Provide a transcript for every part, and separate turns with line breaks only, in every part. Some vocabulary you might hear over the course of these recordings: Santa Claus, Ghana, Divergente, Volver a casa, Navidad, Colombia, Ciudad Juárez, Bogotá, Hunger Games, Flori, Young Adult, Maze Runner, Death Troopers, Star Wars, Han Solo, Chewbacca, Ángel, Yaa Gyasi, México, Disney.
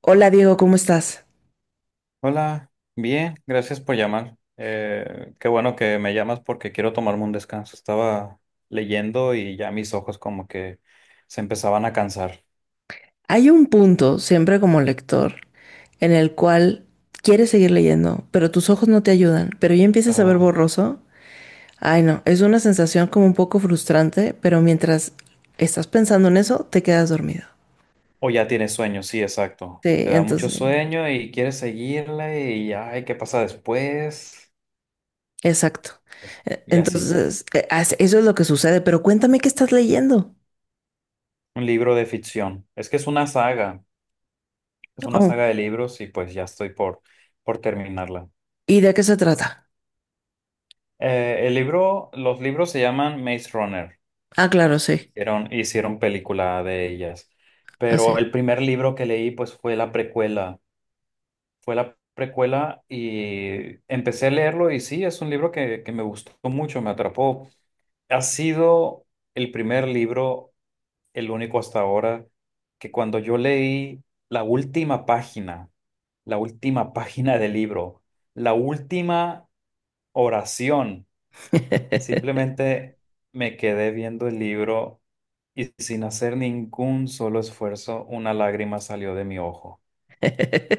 Hola Diego, ¿cómo estás?
Hola, bien, gracias por llamar. Qué bueno que me llamas porque quiero tomarme un descanso. Estaba leyendo y ya mis ojos como que se empezaban a cansar.
Hay un punto, siempre como lector, en el cual quieres seguir leyendo, pero tus ojos no te ayudan, pero ya empiezas a ver
Ah,
borroso. Ay, no, es una sensación como un poco frustrante, pero mientras estás pensando en eso, te quedas dormido.
o ya tienes sueño, sí, exacto.
Sí,
Te da mucho
entonces,
sueño y quieres seguirle y ay, ¿qué pasa después?
exacto.
Y así.
Eso es lo que sucede, pero cuéntame qué estás leyendo.
Un libro de ficción. Es que es una saga, es una
Oh,
saga de libros y pues ya estoy por terminarla.
¿y de qué se trata?
El libro, los libros se llaman Maze Runner.
Ah, claro, sí,
Hicieron película de ellas. Pero
así.
el primer libro que leí, pues, fue la precuela. Fue la precuela y empecé a leerlo y sí, es un libro que me gustó mucho, me atrapó. Ha sido el primer libro, el único hasta ahora, que cuando yo leí la última página, la última página del libro, la última oración. Simplemente me quedé viendo el libro y sin hacer ningún solo esfuerzo, una lágrima salió de mi ojo.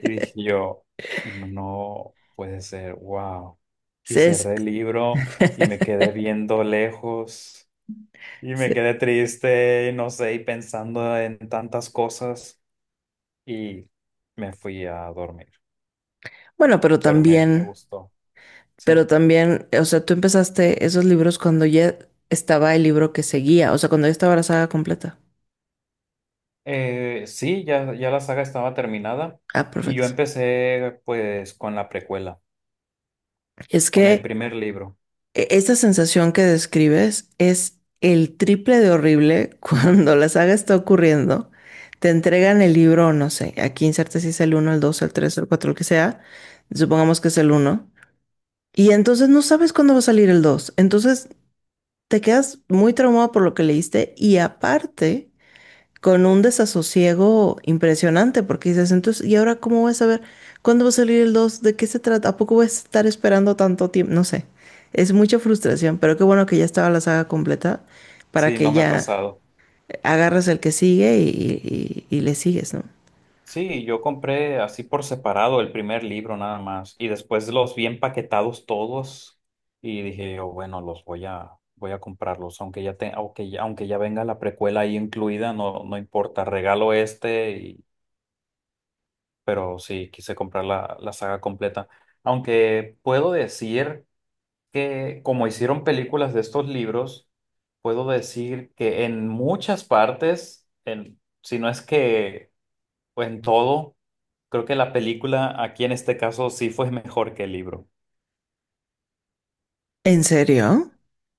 Y dije yo, no puede ser, wow. Y
Sí, es.
cerré el libro y me quedé viendo lejos y me
Sí,
quedé triste, y no sé, y pensando en tantas cosas y me fui a dormir,
bueno,
pero me gustó, sí.
pero también, o sea, tú empezaste esos libros cuando ya estaba el libro que seguía, o sea, cuando ya estaba la saga completa.
Sí, ya la saga estaba terminada
Ah,
y yo
perfecto.
empecé pues con la precuela,
Es
con el
que
primer libro.
esa sensación que describes es el triple de horrible cuando la saga está ocurriendo. Te entregan el libro, no sé, aquí inserta si es el uno, el 2, el 3, el 4, el que sea. Supongamos que es el uno. Y entonces no sabes cuándo va a salir el 2. Entonces te quedas muy traumado por lo que leíste y aparte... con un desasosiego impresionante, porque dices, entonces, ¿y ahora cómo voy a saber cuándo va a salir el dos? ¿De qué se trata? ¿A poco voy a estar esperando tanto tiempo? No sé, es mucha frustración, pero qué bueno que ya estaba la saga completa para
Sí, no
que
me ha
ya
pasado.
agarras el que sigue y le sigues, ¿no?
Sí, yo compré así por separado el primer libro nada más y después los vi empaquetados todos y dije yo, bueno, los voy a comprarlos, aunque ya, te, aunque ya venga la precuela ahí incluida, no, no importa, regalo este, y pero sí, quise comprar la saga completa. Aunque puedo decir que como hicieron películas de estos libros, puedo decir que en muchas partes, en, si no es que pues en todo, creo que la película aquí en este caso sí fue mejor que el libro.
¿En serio?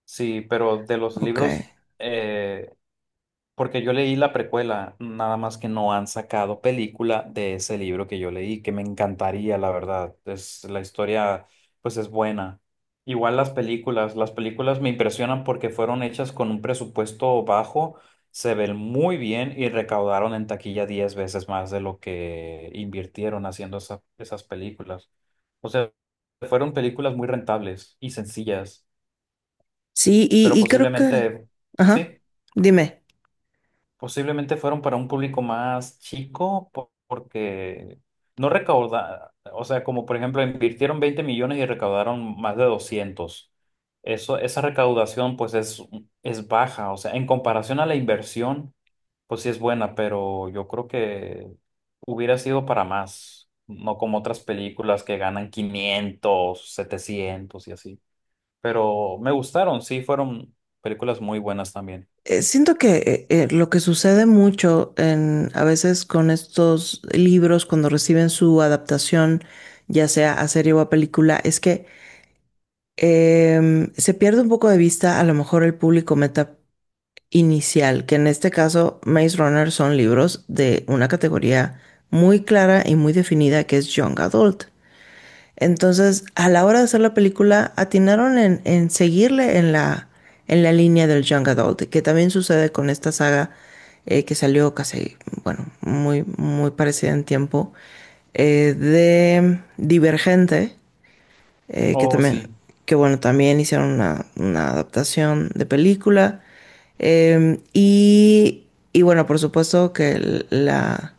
Sí, pero de los
Ok.
libros, eh, porque yo leí la precuela, nada más que no han sacado película de ese libro que yo leí, que me encantaría, la verdad. La historia, pues es buena. Igual las películas me impresionan porque fueron hechas con un presupuesto bajo, se ven muy bien y recaudaron en taquilla 10 veces más de lo que invirtieron haciendo esas películas. O sea, fueron películas muy rentables y sencillas,
Sí,
pero
y creo que...
posiblemente,
Ajá,
sí.
dime.
Posiblemente fueron para un público más chico porque no recaudaron, o sea, como por ejemplo invirtieron 20 millones y recaudaron más de 200. Eso, esa recaudación pues es baja, o sea, en comparación a la inversión, pues sí es buena, pero yo creo que hubiera sido para más, no como otras películas que ganan 500, 700 y así. Pero me gustaron, sí, fueron películas muy buenas también.
Siento que lo que sucede mucho en, a veces con estos libros cuando reciben su adaptación, ya sea a serie o a película, es que se pierde un poco de vista a lo mejor el público meta inicial, que en este caso Maze Runner son libros de una categoría muy clara y muy definida que es Young Adult. Entonces, a la hora de hacer la película, atinaron en seguirle en la línea del Young Adult, que también sucede con esta saga que salió casi, bueno, muy, muy parecida en tiempo, de Divergente, que
Oh,
también,
sí,
que bueno, también hicieron una adaptación de película. Y, y bueno, por supuesto que la,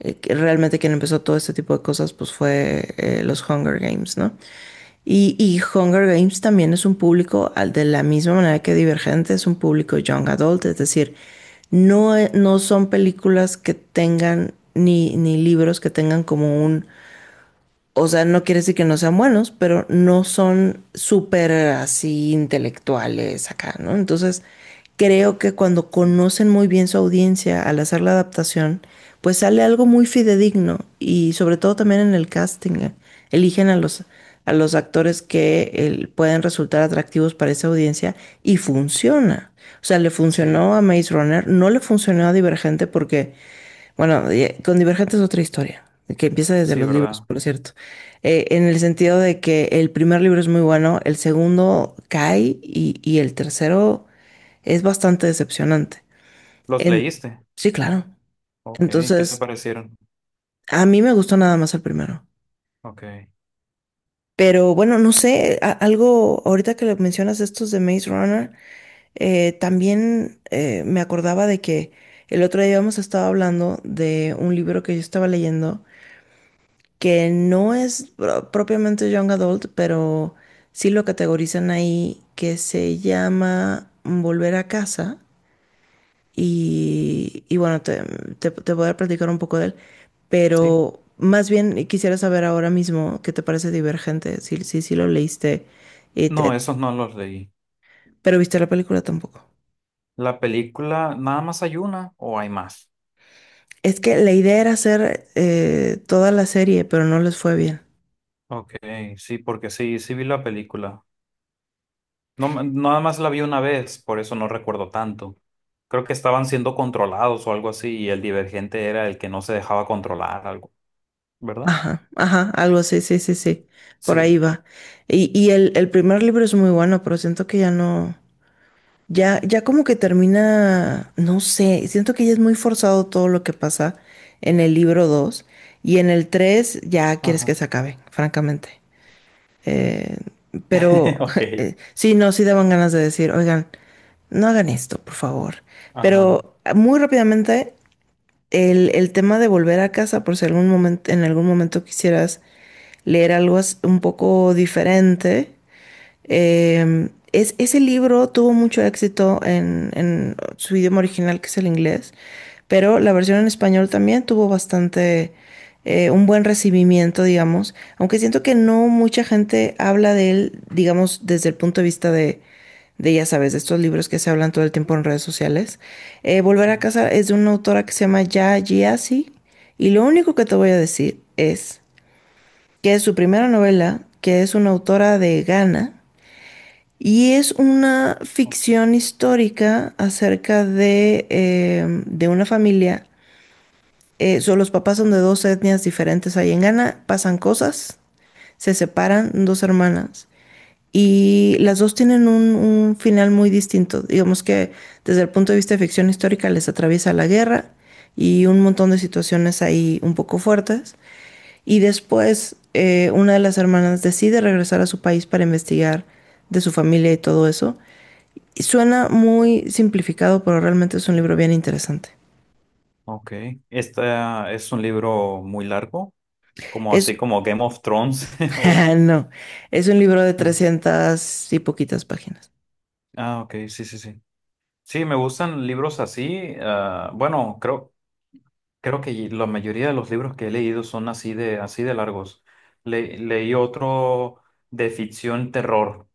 que realmente quien empezó todo este tipo de cosas pues fue los Hunger Games, ¿no? Y Hunger Games también es un público, de la misma manera que Divergente, es un público young adult, es decir, no, no son películas que tengan, ni, ni libros que tengan como un, o sea, no quiere decir que no sean buenos, pero no son súper así intelectuales acá, ¿no? Entonces, creo que cuando
sí,
conocen muy bien su audiencia al hacer la adaptación, pues sale algo muy fidedigno y sobre todo también en el casting, eligen a los actores que pueden resultar atractivos para esa audiencia y funciona. O sea, le
sí.
funcionó a Maze Runner, no le funcionó a Divergente porque bueno, y, con Divergente es otra historia, que empieza desde
Sí,
los libros,
¿verdad?
por cierto. En el sentido de que el primer libro es muy bueno, el segundo cae y el tercero es bastante decepcionante.
¿Los
En,
leíste?
sí, claro.
Ok, ¿qué te
Entonces,
parecieron?
a mí me gustó nada más el primero.
Ok,
Pero bueno, no sé, algo, ahorita que lo mencionas estos de Maze Runner, también me acordaba de que el otro día habíamos estado hablando de un libro que yo estaba leyendo que no es propiamente Young Adult, pero sí lo categorizan ahí, que se llama Volver a casa. Y bueno, te voy a platicar un poco de él,
sí.
pero más bien quisiera saber ahora mismo qué te parece Divergente, si lo leíste, y
No, esos no los leí.
pero viste la película tampoco.
¿La película nada más hay una o hay más?
Es que la idea era hacer toda la serie, pero no les fue bien.
Ok, sí, porque sí, sí vi la película. No, me nada más la vi una vez, por eso no recuerdo tanto. Creo que estaban siendo controlados o algo así y el divergente era el que no se dejaba controlar algo, ¿verdad?
Ajá, ajá, algo, sí, por ahí
Sí.
va. Y el primer libro es muy bueno, pero siento que ya no, ya, ya como que termina, no sé, siento que ya es muy forzado todo lo que pasa en el libro 2 y en el 3 ya quieres
Ajá.
que se acabe, francamente. Eh, pero
Ok.
sí, no, sí daban ganas de decir, oigan, no hagan esto, por favor.
Ajá.
Pero muy rápidamente el tema de volver a casa, por si algún momento, en algún momento quisieras leer algo un poco diferente, es, ese libro tuvo mucho éxito en su idioma original, que es el inglés, pero la versión en español también tuvo bastante, un buen recibimiento, digamos, aunque siento que no mucha gente habla de él, digamos, desde el punto de vista de, ya sabes, de estos libros que se hablan todo el tiempo en redes sociales. Volver
Sí.
a casa es de una autora que se llama Ya Gyasi, y lo único que te voy a decir es que es su primera novela, que es una autora de Ghana, y es una
Ok.
ficción histórica acerca de una familia. Los papás son de dos etnias diferentes ahí en Ghana, pasan cosas, se separan dos hermanas y las dos tienen un final muy distinto. Digamos que desde el punto de vista de ficción histórica les atraviesa la guerra y un montón de situaciones ahí un poco fuertes. Y después una de las hermanas decide regresar a su país para investigar de su familia y todo eso. Suena muy simplificado, pero realmente es un
Sí.
libro bien interesante.
Ok. ¿Esta es un libro muy largo? Como así,
Es,
como Game of Thrones. O...
no, es un libro de 300 y poquitas páginas.
Ah, ok, sí, sí, sí. Sí, me gustan libros así. Ah, bueno, creo que la mayoría de los libros que he leído son así de, largos. Leí otro de ficción terror.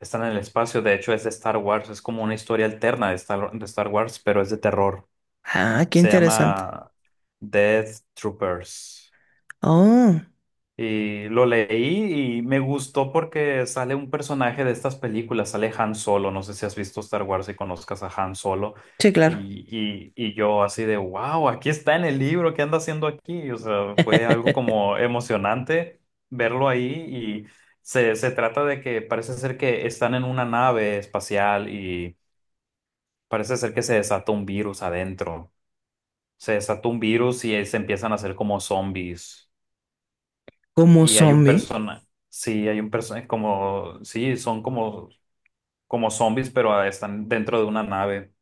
Está en el espacio, de hecho es de Star Wars, es como una historia alterna de de Star Wars, pero es de terror.
Ah, qué
Se
interesante.
llama Death Troopers.
Oh,
Y lo leí y me gustó porque sale un personaje de estas películas, sale Han Solo, no sé si has visto Star Wars y conozcas a Han Solo,
sí, claro.
y, y yo así de, wow, aquí está en el libro, ¿qué anda haciendo aquí? O sea, fue algo como emocionante verlo ahí y se trata de que parece ser que están en una nave espacial y parece ser que se desata un virus adentro, se desata un virus y se empiezan a hacer como zombies.
Como
Y hay un
zombie.
persona, sí, hay un persona, como, sí, son como, zombies, pero ah, están dentro de una nave.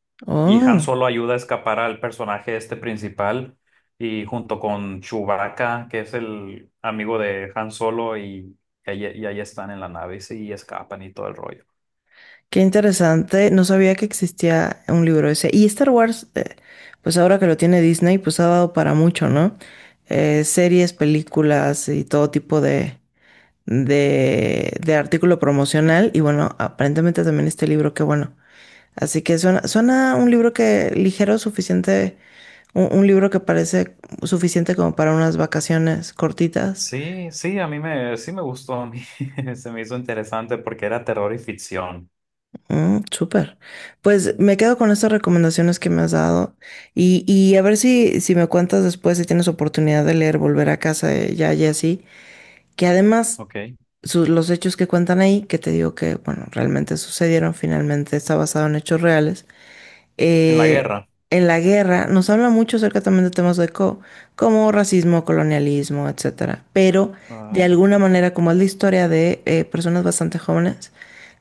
Y Han
Oh,
Solo ayuda a escapar al personaje este principal y junto con Chewbacca, que es el amigo de Han Solo, y ahí están en la nave y, sí, y escapan y todo el rollo.
qué interesante. No sabía que existía un libro ese. Y Star Wars, pues ahora que lo tiene Disney, pues ha dado para mucho, ¿no? Series, películas y todo tipo de artículo promocional y bueno, aparentemente también este libro, qué bueno. Así que suena, suena un libro que ligero, suficiente, un libro que parece suficiente como para unas vacaciones cortitas.
Sí, sí, a mí me, sí me gustó, a mí se me hizo interesante porque era terror y ficción.
Mm, súper. Pues
Mm.
me quedo con estas recomendaciones que me has dado y a ver si, si me cuentas después si tienes oportunidad de leer Volver a casa de ya Jessy, que además
Ok. En
los hechos que cuentan ahí, que te digo que, bueno, realmente sucedieron, finalmente está basado en hechos reales.
la
eh,
guerra.
en la guerra nos habla mucho acerca también de temas de como racismo, colonialismo, etcétera. Pero de
Ay,
alguna manera, como es la historia de personas bastante jóvenes,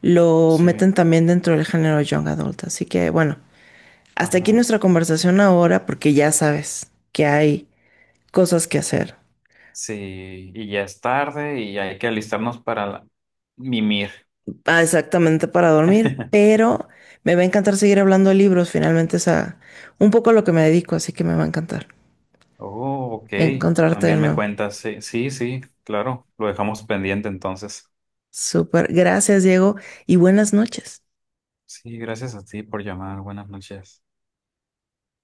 lo
sí.
meten también dentro del género young adult. Así que bueno, hasta aquí
Ajá.
nuestra conversación ahora, porque ya sabes que hay cosas que hacer.
Sí, y ya es tarde y hay que alistarnos para la mimir.
Ah, exactamente para dormir, pero me va a encantar seguir hablando de libros. Finalmente es a un poco a lo que me dedico, así que me va a encantar
Oh, ok.
encontrarte de
También me
nuevo.
cuentas. Sí, sí, sí, claro. Lo dejamos pendiente entonces.
Súper. Gracias, Diego, y buenas noches.
Sí, gracias a ti por llamar. Buenas noches.